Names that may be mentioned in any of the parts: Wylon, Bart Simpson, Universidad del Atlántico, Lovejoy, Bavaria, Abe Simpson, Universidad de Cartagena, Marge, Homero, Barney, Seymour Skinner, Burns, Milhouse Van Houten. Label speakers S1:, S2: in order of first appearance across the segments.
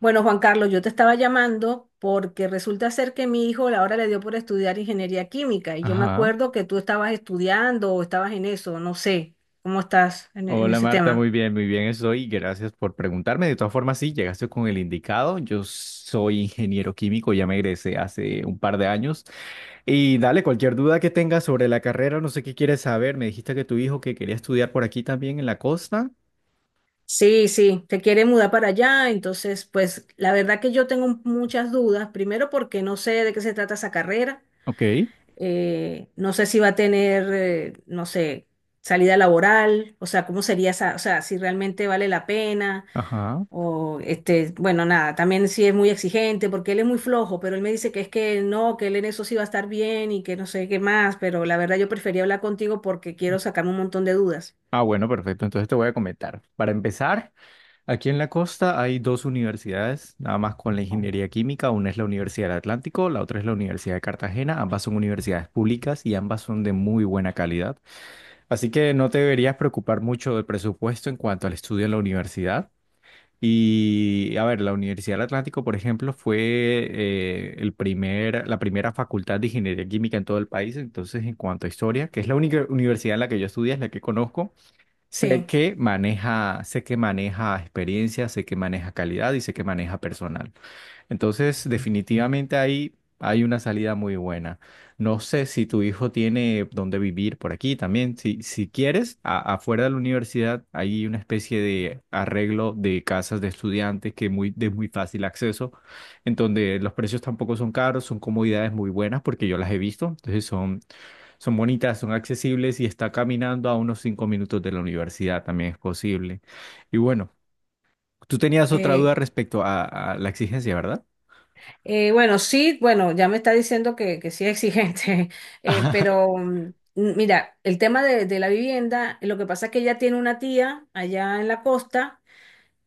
S1: Bueno, Juan Carlos, yo te estaba llamando porque resulta ser que mi hijo ahora le dio por estudiar ingeniería química y yo me
S2: Ajá.
S1: acuerdo que tú estabas estudiando o estabas en eso, no sé, ¿cómo estás en
S2: Hola
S1: ese
S2: Marta,
S1: tema?
S2: muy bien estoy. Gracias por preguntarme. De todas formas, sí, llegaste con el indicado. Yo soy ingeniero químico, ya me egresé hace un par de años. Y dale, cualquier duda que tengas sobre la carrera, no sé qué quieres saber. Me dijiste que tu hijo que quería estudiar por aquí también en la costa.
S1: Sí, sí, te quiere mudar para allá, entonces pues la verdad que yo tengo muchas dudas, primero porque no sé de qué se trata esa carrera,
S2: Ok.
S1: no sé si va a tener, no sé, salida laboral, o sea, cómo sería esa, o sea, si realmente vale la pena.
S2: Ajá.
S1: O este, bueno, nada, también sí es muy exigente porque él es muy flojo, pero él me dice que es que no, que él en eso sí va a estar bien y que no sé qué más, pero la verdad yo prefería hablar contigo porque quiero sacarme un montón de dudas.
S2: Ah, bueno, perfecto. Entonces te voy a comentar. Para empezar. Aquí en la costa hay dos universidades, nada más con la ingeniería química. Una es la Universidad del Atlántico, la otra es la Universidad de Cartagena. Ambas son universidades públicas y ambas son de muy buena calidad. Así que no te deberías preocupar mucho del presupuesto en cuanto al estudio en la universidad. Y a ver, la Universidad del Atlántico, por ejemplo, fue el primer, la primera facultad de ingeniería química en todo el país. Entonces, en cuanto a historia, que es la única universidad en la que yo estudié, es la que conozco.
S1: Sí.
S2: Sé que maneja experiencia, sé que maneja calidad y sé que maneja personal. Entonces, definitivamente ahí hay una salida muy buena. No sé si tu hijo tiene dónde vivir por aquí también. Si, si quieres, afuera de la universidad hay una especie de arreglo de casas de estudiantes que muy, de muy fácil acceso, en donde los precios tampoco son caros, son comodidades muy buenas porque yo las he visto. Entonces son bonitas, son accesibles y está caminando a unos 5 minutos de la universidad, también es posible. Y bueno, tú tenías otra
S1: eh,
S2: duda respecto a la exigencia, ¿verdad?
S1: bueno, sí, bueno, ya me está diciendo que sí es exigente, pero mira, el tema de la vivienda, lo que pasa es que ella tiene una tía allá en la costa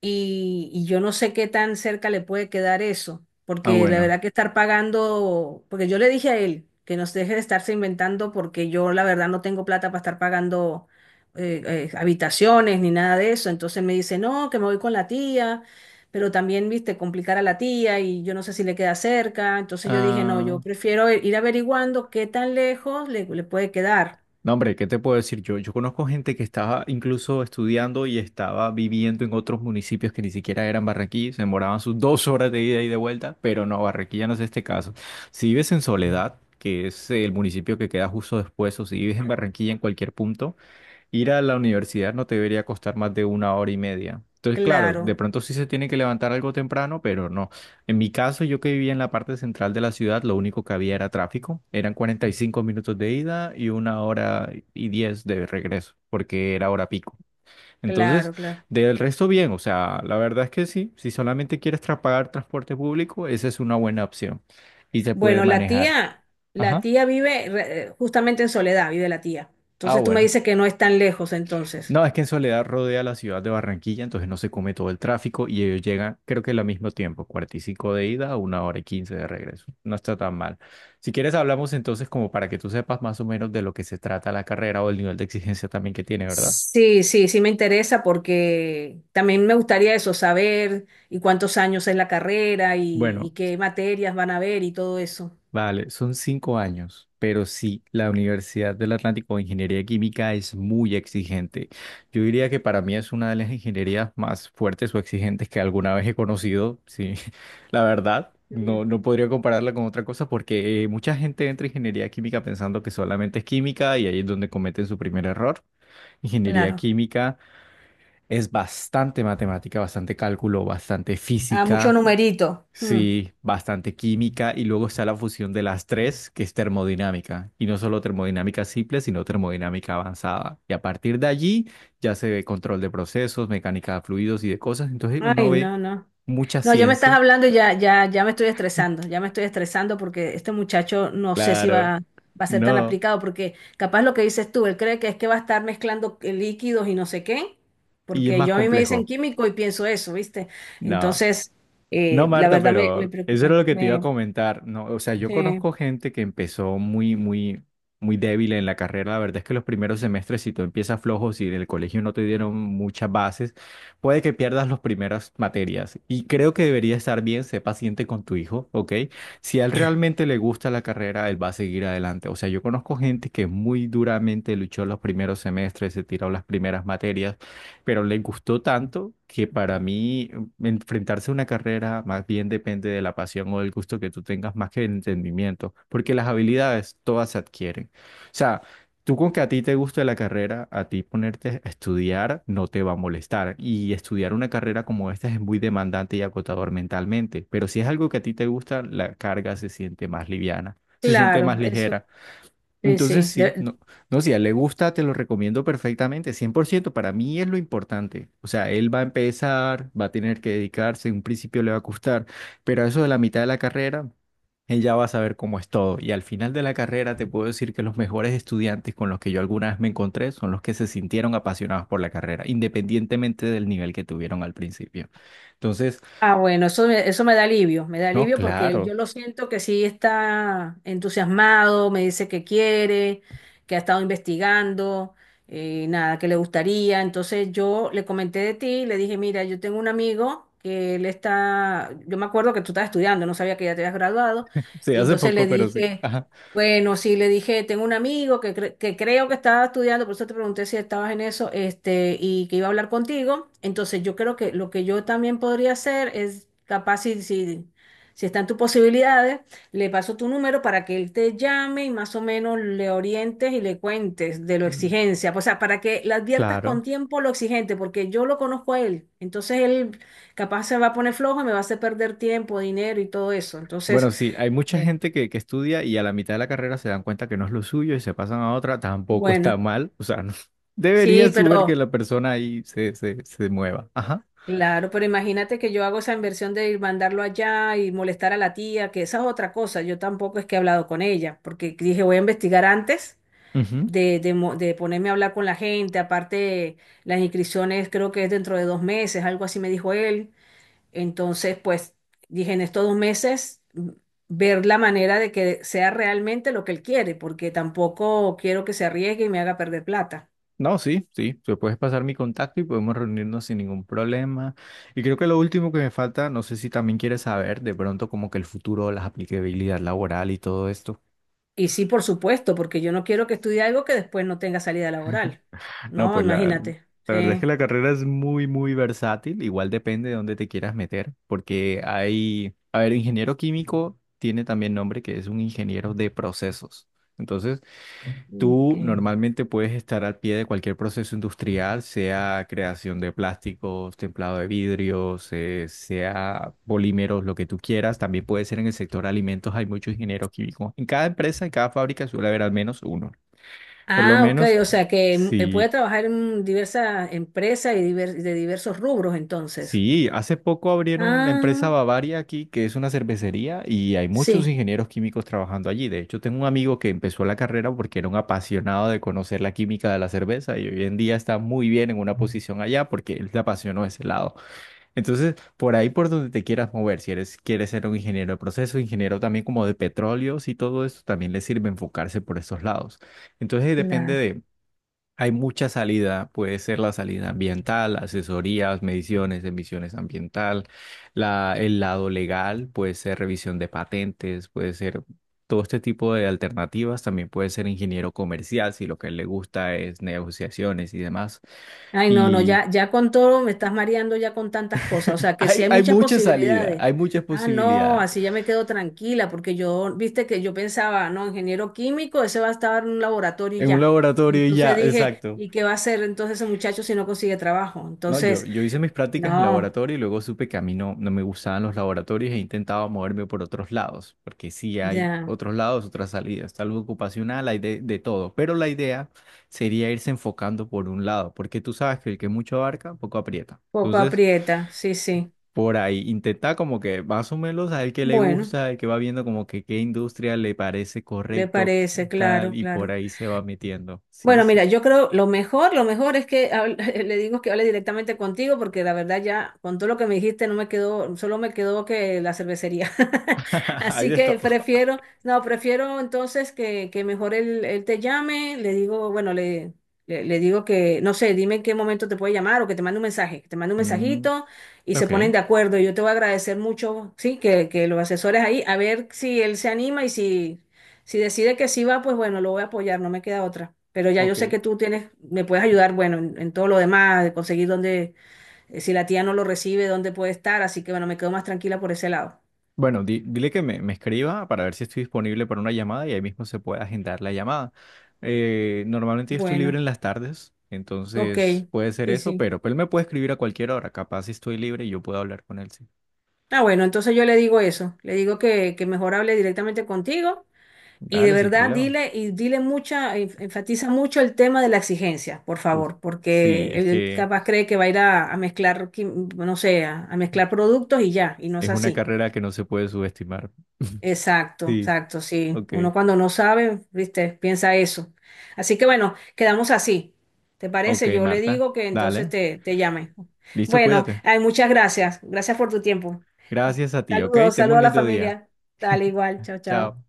S1: y yo no sé qué tan cerca le puede quedar eso,
S2: Ah,
S1: porque la
S2: bueno.
S1: verdad que estar pagando, porque yo le dije a él que nos deje de estarse inventando porque yo la verdad no tengo plata para estar pagando habitaciones ni nada de eso, entonces me dice, no, que me voy con la tía, pero también, viste, complicar a la tía y yo no sé si le queda cerca, entonces yo dije, no, yo
S2: Ah,
S1: prefiero ir averiguando qué tan lejos le puede quedar.
S2: no, hombre, ¿qué te puedo decir yo? Yo conozco gente que estaba incluso estudiando y estaba viviendo en otros municipios que ni siquiera eran Barranquilla, se demoraban sus 2 horas de ida y de vuelta, pero no, Barranquilla no es este caso. Si vives en Soledad, que es el municipio que queda justo después, o si vives en Barranquilla en cualquier punto, ir a la universidad no te debería costar más de una hora y media. Entonces, claro, de
S1: Claro,
S2: pronto sí se tiene que levantar algo temprano, pero no. En mi caso, yo que vivía en la parte central de la ciudad, lo único que había era tráfico. Eran 45 minutos de ida y una hora y 10 de regreso, porque era hora pico. Entonces,
S1: claro, claro.
S2: del resto bien, o sea, la verdad es que sí, si solamente quieres pagar transporte público, esa es una buena opción y se puede
S1: Bueno,
S2: manejar.
S1: la
S2: Ajá.
S1: tía vive justamente en Soledad, vive la tía.
S2: Ah,
S1: Entonces tú me
S2: bueno.
S1: dices que no es tan lejos, entonces.
S2: No, es que en Soledad rodea la ciudad de Barranquilla, entonces no se come todo el tráfico y ellos llegan, creo que al mismo tiempo, 45 de ida, una hora y 15 de regreso. No está tan mal. Si quieres, hablamos entonces como para que tú sepas más o menos de lo que se trata la carrera o el nivel de exigencia también que tiene, ¿verdad?
S1: Sí, sí, sí me interesa porque también me gustaría eso, saber y cuántos años es la carrera y
S2: Bueno,
S1: qué materias van a ver y todo eso.
S2: vale, son 5 años, pero sí, la Universidad del Atlántico de Ingeniería Química es muy exigente. Yo diría que para mí es una de las ingenierías más fuertes o exigentes que alguna vez he conocido, sí, la verdad.
S1: Mm.
S2: No, no podría compararla con otra cosa porque mucha gente entra a ingeniería química pensando que solamente es química y ahí es donde cometen su primer error. Ingeniería
S1: Claro.
S2: química es bastante matemática, bastante cálculo, bastante
S1: Ah, mucho
S2: física.
S1: numerito. Mm.
S2: Sí, bastante química y luego está la fusión de las tres, que es termodinámica. Y no solo termodinámica simple, sino termodinámica avanzada. Y a partir de allí ya se ve control de procesos, mecánica de fluidos y de cosas. Entonces
S1: Ay,
S2: uno ve
S1: no, no.
S2: mucha
S1: No, ya me estás
S2: ciencia.
S1: hablando y ya, ya, ya me estoy estresando, ya me estoy estresando porque este muchacho no sé si
S2: Claro,
S1: va, va a ser tan
S2: no.
S1: aplicado, porque capaz lo que dices tú, él cree que es que va a estar mezclando líquidos y no sé qué,
S2: Y es
S1: porque
S2: más
S1: yo a mí me dicen
S2: complejo.
S1: químico y pienso eso, ¿viste?
S2: No.
S1: Entonces,
S2: No,
S1: la
S2: Marta,
S1: verdad me
S2: pero eso
S1: preocupa.
S2: era lo que te iba a
S1: Me,
S2: comentar. No, o sea, yo
S1: sí,
S2: conozco gente que empezó muy, muy, muy débil en la carrera. La verdad es que los primeros semestres, si tú empiezas flojos y en el colegio no te dieron muchas bases, puede que pierdas las primeras materias. Y creo que debería estar bien, sé paciente con tu hijo, ¿ok? Si a él realmente le gusta la carrera, él va a seguir adelante. O sea, yo conozco gente que muy duramente luchó los primeros semestres, se tiró las primeras materias pero le gustó tanto que para mí enfrentarse a una carrera más bien depende de la pasión o del gusto que tú tengas más que del entendimiento, porque las habilidades todas se adquieren. O sea, tú con que a ti te guste la carrera, a ti ponerte a estudiar no te va a molestar y estudiar una carrera como esta es muy demandante y agotador mentalmente, pero si es algo que a ti te gusta, la carga se siente más liviana, se siente
S1: claro,
S2: más
S1: eso,
S2: ligera.
S1: sí,
S2: Entonces
S1: sí.
S2: sí, no, no, si a él le gusta, te lo recomiendo perfectamente, 100% para mí es lo importante. O sea, él va a empezar, va a tener que dedicarse, en un principio le va a costar, pero a eso de la mitad de la carrera, él ya va a saber cómo es todo. Y al final de la carrera te puedo decir que los mejores estudiantes con los que yo alguna vez me encontré son los que se sintieron apasionados por la carrera, independientemente del nivel que tuvieron al principio. Entonces,
S1: Ah, bueno, eso me da
S2: no,
S1: alivio porque él,
S2: claro,
S1: yo lo siento que sí está entusiasmado, me dice que quiere, que ha estado investigando, nada, que le gustaría. Entonces yo le comenté de ti, le dije, mira, yo tengo un amigo que él está, yo me acuerdo que tú estabas estudiando, no sabía que ya te habías graduado,
S2: sí,
S1: y
S2: hace
S1: entonces le
S2: poco, pero sí.
S1: dije,
S2: Ajá.
S1: bueno, sí, le dije, tengo un amigo que creo que estaba estudiando, por eso te pregunté si estabas en eso, este, y que iba a hablar contigo. Entonces, yo creo que lo que yo también podría hacer es, capaz si están tus posibilidades, le paso tu número para que él te llame y más o menos le orientes y le cuentes de lo
S2: Mm.
S1: exigencia. O sea, para que le adviertas
S2: Claro.
S1: con tiempo lo exigente, porque yo lo conozco a él. Entonces, él capaz se va a poner flojo y me va a hacer perder tiempo, dinero y todo eso.
S2: Bueno,
S1: Entonces,
S2: sí, hay mucha
S1: bien,
S2: gente que estudia y a la mitad de la carrera se dan cuenta que no es lo suyo y se pasan a otra, tampoco está
S1: bueno.
S2: mal, o sea, no, debería
S1: Sí,
S2: suber que
S1: pero
S2: la persona ahí se mueva. Ajá.
S1: claro, pero imagínate que yo hago esa inversión de ir mandarlo allá y molestar a la tía, que esa es otra cosa. Yo tampoco es que he hablado con ella, porque dije voy a investigar antes
S2: Ujú.
S1: de ponerme a hablar con la gente. Aparte, las inscripciones creo que es dentro de 2 meses, algo así me dijo él. Entonces, pues dije en estos 2 meses, ver la manera de que sea realmente lo que él quiere, porque tampoco quiero que se arriesgue y me haga perder plata.
S2: No, sí, sí, te puedes pasar mi contacto y podemos reunirnos sin ningún problema. Y creo que lo último que me falta, no sé si también quieres saber de pronto como que el futuro, las aplicabilidad laboral y todo esto.
S1: Y sí, por supuesto, porque yo no quiero que estudie algo que después no tenga salida laboral.
S2: No,
S1: No,
S2: pues
S1: imagínate.
S2: la verdad es que
S1: Sí.
S2: la carrera es muy, muy versátil. Igual depende de dónde te quieras meter, porque hay, a ver, ingeniero químico tiene también nombre que es un ingeniero de procesos. Entonces, tú
S1: Ok.
S2: normalmente puedes estar al pie de cualquier proceso industrial, sea creación de plásticos, templado de vidrios, sea polímeros, lo que tú quieras. También puede ser en el sector alimentos, hay muchos ingenieros químicos. En cada empresa, en cada fábrica suele haber al menos uno. Por lo
S1: Ah, ok,
S2: menos,
S1: o sea que puede
S2: si
S1: trabajar en diversas empresas y de diversos rubros entonces.
S2: sí, hace poco abrieron la empresa
S1: Ah,
S2: Bavaria aquí, que es una cervecería, y hay muchos
S1: sí.
S2: ingenieros químicos trabajando allí. De hecho, tengo un amigo que empezó la carrera porque era un apasionado de conocer la química de la cerveza y hoy en día está muy bien en una posición allá porque él le apasionó ese lado. Entonces, por ahí por donde te quieras mover, si eres, quieres ser un ingeniero de proceso, ingeniero también como de petróleos y todo eso, también le sirve enfocarse por esos lados. Entonces,
S1: Claro.
S2: depende hay mucha salida, puede ser la salida ambiental, asesorías, mediciones, emisiones ambiental, la, el lado legal, puede ser revisión de patentes, puede ser todo este tipo de alternativas, también puede ser ingeniero comercial si lo que le gusta es negociaciones y demás.
S1: Ay, no, no,
S2: Y
S1: ya con todo me estás mareando ya con tantas cosas. O sea, que sí
S2: hay,
S1: hay
S2: hay
S1: muchas
S2: mucha salida,
S1: posibilidades.
S2: hay muchas
S1: Ah, no,
S2: posibilidades.
S1: así ya me quedo tranquila, porque yo, viste que yo pensaba, no, ingeniero químico, ese va a estar en un laboratorio y
S2: En un
S1: ya.
S2: laboratorio y
S1: Entonces
S2: ya,
S1: dije,
S2: exacto.
S1: ¿y qué va a hacer entonces ese muchacho si no consigue trabajo?
S2: No, yo,
S1: Entonces,
S2: yo hice mis prácticas en
S1: no,
S2: laboratorio y luego supe que a mí no, no me gustaban los laboratorios e intentaba moverme por otros lados, porque sí hay
S1: ya,
S2: otros lados, otras salidas, tal vez ocupacional, hay de todo, pero la idea sería irse enfocando por un lado, porque tú sabes que el que mucho abarca, poco aprieta.
S1: poco
S2: Entonces,
S1: aprieta, sí, sí.
S2: por ahí intenta como que más o menos al que le
S1: Bueno,
S2: gusta, al que va viendo como que qué industria le parece
S1: le
S2: correcto, qué
S1: parece,
S2: tal,
S1: claro,
S2: y por
S1: claro.
S2: ahí se va metiendo. Sí,
S1: Bueno,
S2: sí.
S1: mira, yo creo lo mejor es le digo que hable directamente contigo porque la verdad ya con todo lo que me dijiste no me quedó, solo me quedó que la cervecería.
S2: Hay
S1: Así
S2: de
S1: que
S2: todo.
S1: prefiero, no, prefiero entonces que mejor él te llame, le digo, bueno, le digo que, no sé, dime en qué momento te puede llamar o que te mande un mensaje, que te mande un
S2: Mm,
S1: mensajito y se
S2: ok.
S1: ponen de acuerdo. Yo te voy a agradecer mucho, sí, que los asesores ahí, a ver si él se anima y si... Si decide que sí va, pues bueno, lo voy a apoyar, no me queda otra. Pero ya yo sé
S2: Ok.
S1: que tú tienes, me puedes ayudar, bueno, en todo lo demás, de conseguir dónde, si la tía no lo recibe, dónde puede estar, así que bueno, me quedo más tranquila por ese lado.
S2: Bueno, dile que me escriba para ver si estoy disponible para una llamada y ahí mismo se puede agendar la llamada. Normalmente yo estoy libre
S1: Bueno,
S2: en las tardes,
S1: ok,
S2: entonces puede ser
S1: sí,
S2: eso,
S1: sí.
S2: pero pues, él me puede escribir a cualquier hora. Capaz si estoy libre y yo puedo hablar con él, sí.
S1: Ah, bueno, entonces yo le digo eso, le digo que mejor hable directamente contigo y de
S2: Dale, sin
S1: verdad
S2: problema.
S1: dile y dile mucha, enfatiza mucho el tema de la exigencia, por
S2: Uf,
S1: favor,
S2: sí,
S1: porque
S2: es
S1: él
S2: que
S1: capaz cree que va a ir a mezclar, no sé, a mezclar productos y ya, y no es
S2: es una
S1: así.
S2: carrera que no se puede subestimar.
S1: Exacto,
S2: Sí,
S1: exacto, sí.
S2: ok.
S1: Uno cuando no sabe, viste, piensa eso. Así que bueno, quedamos así. ¿Te
S2: Ok,
S1: parece? Yo le
S2: Marta,
S1: digo que entonces
S2: dale.
S1: te llame.
S2: Listo,
S1: Bueno,
S2: cuídate.
S1: ay, muchas gracias. Gracias por tu tiempo.
S2: Gracias a ti, ok.
S1: Saludos,
S2: Tengo
S1: saludos
S2: un
S1: a la
S2: lindo día.
S1: familia. Dale igual, chao, chao.
S2: Chao.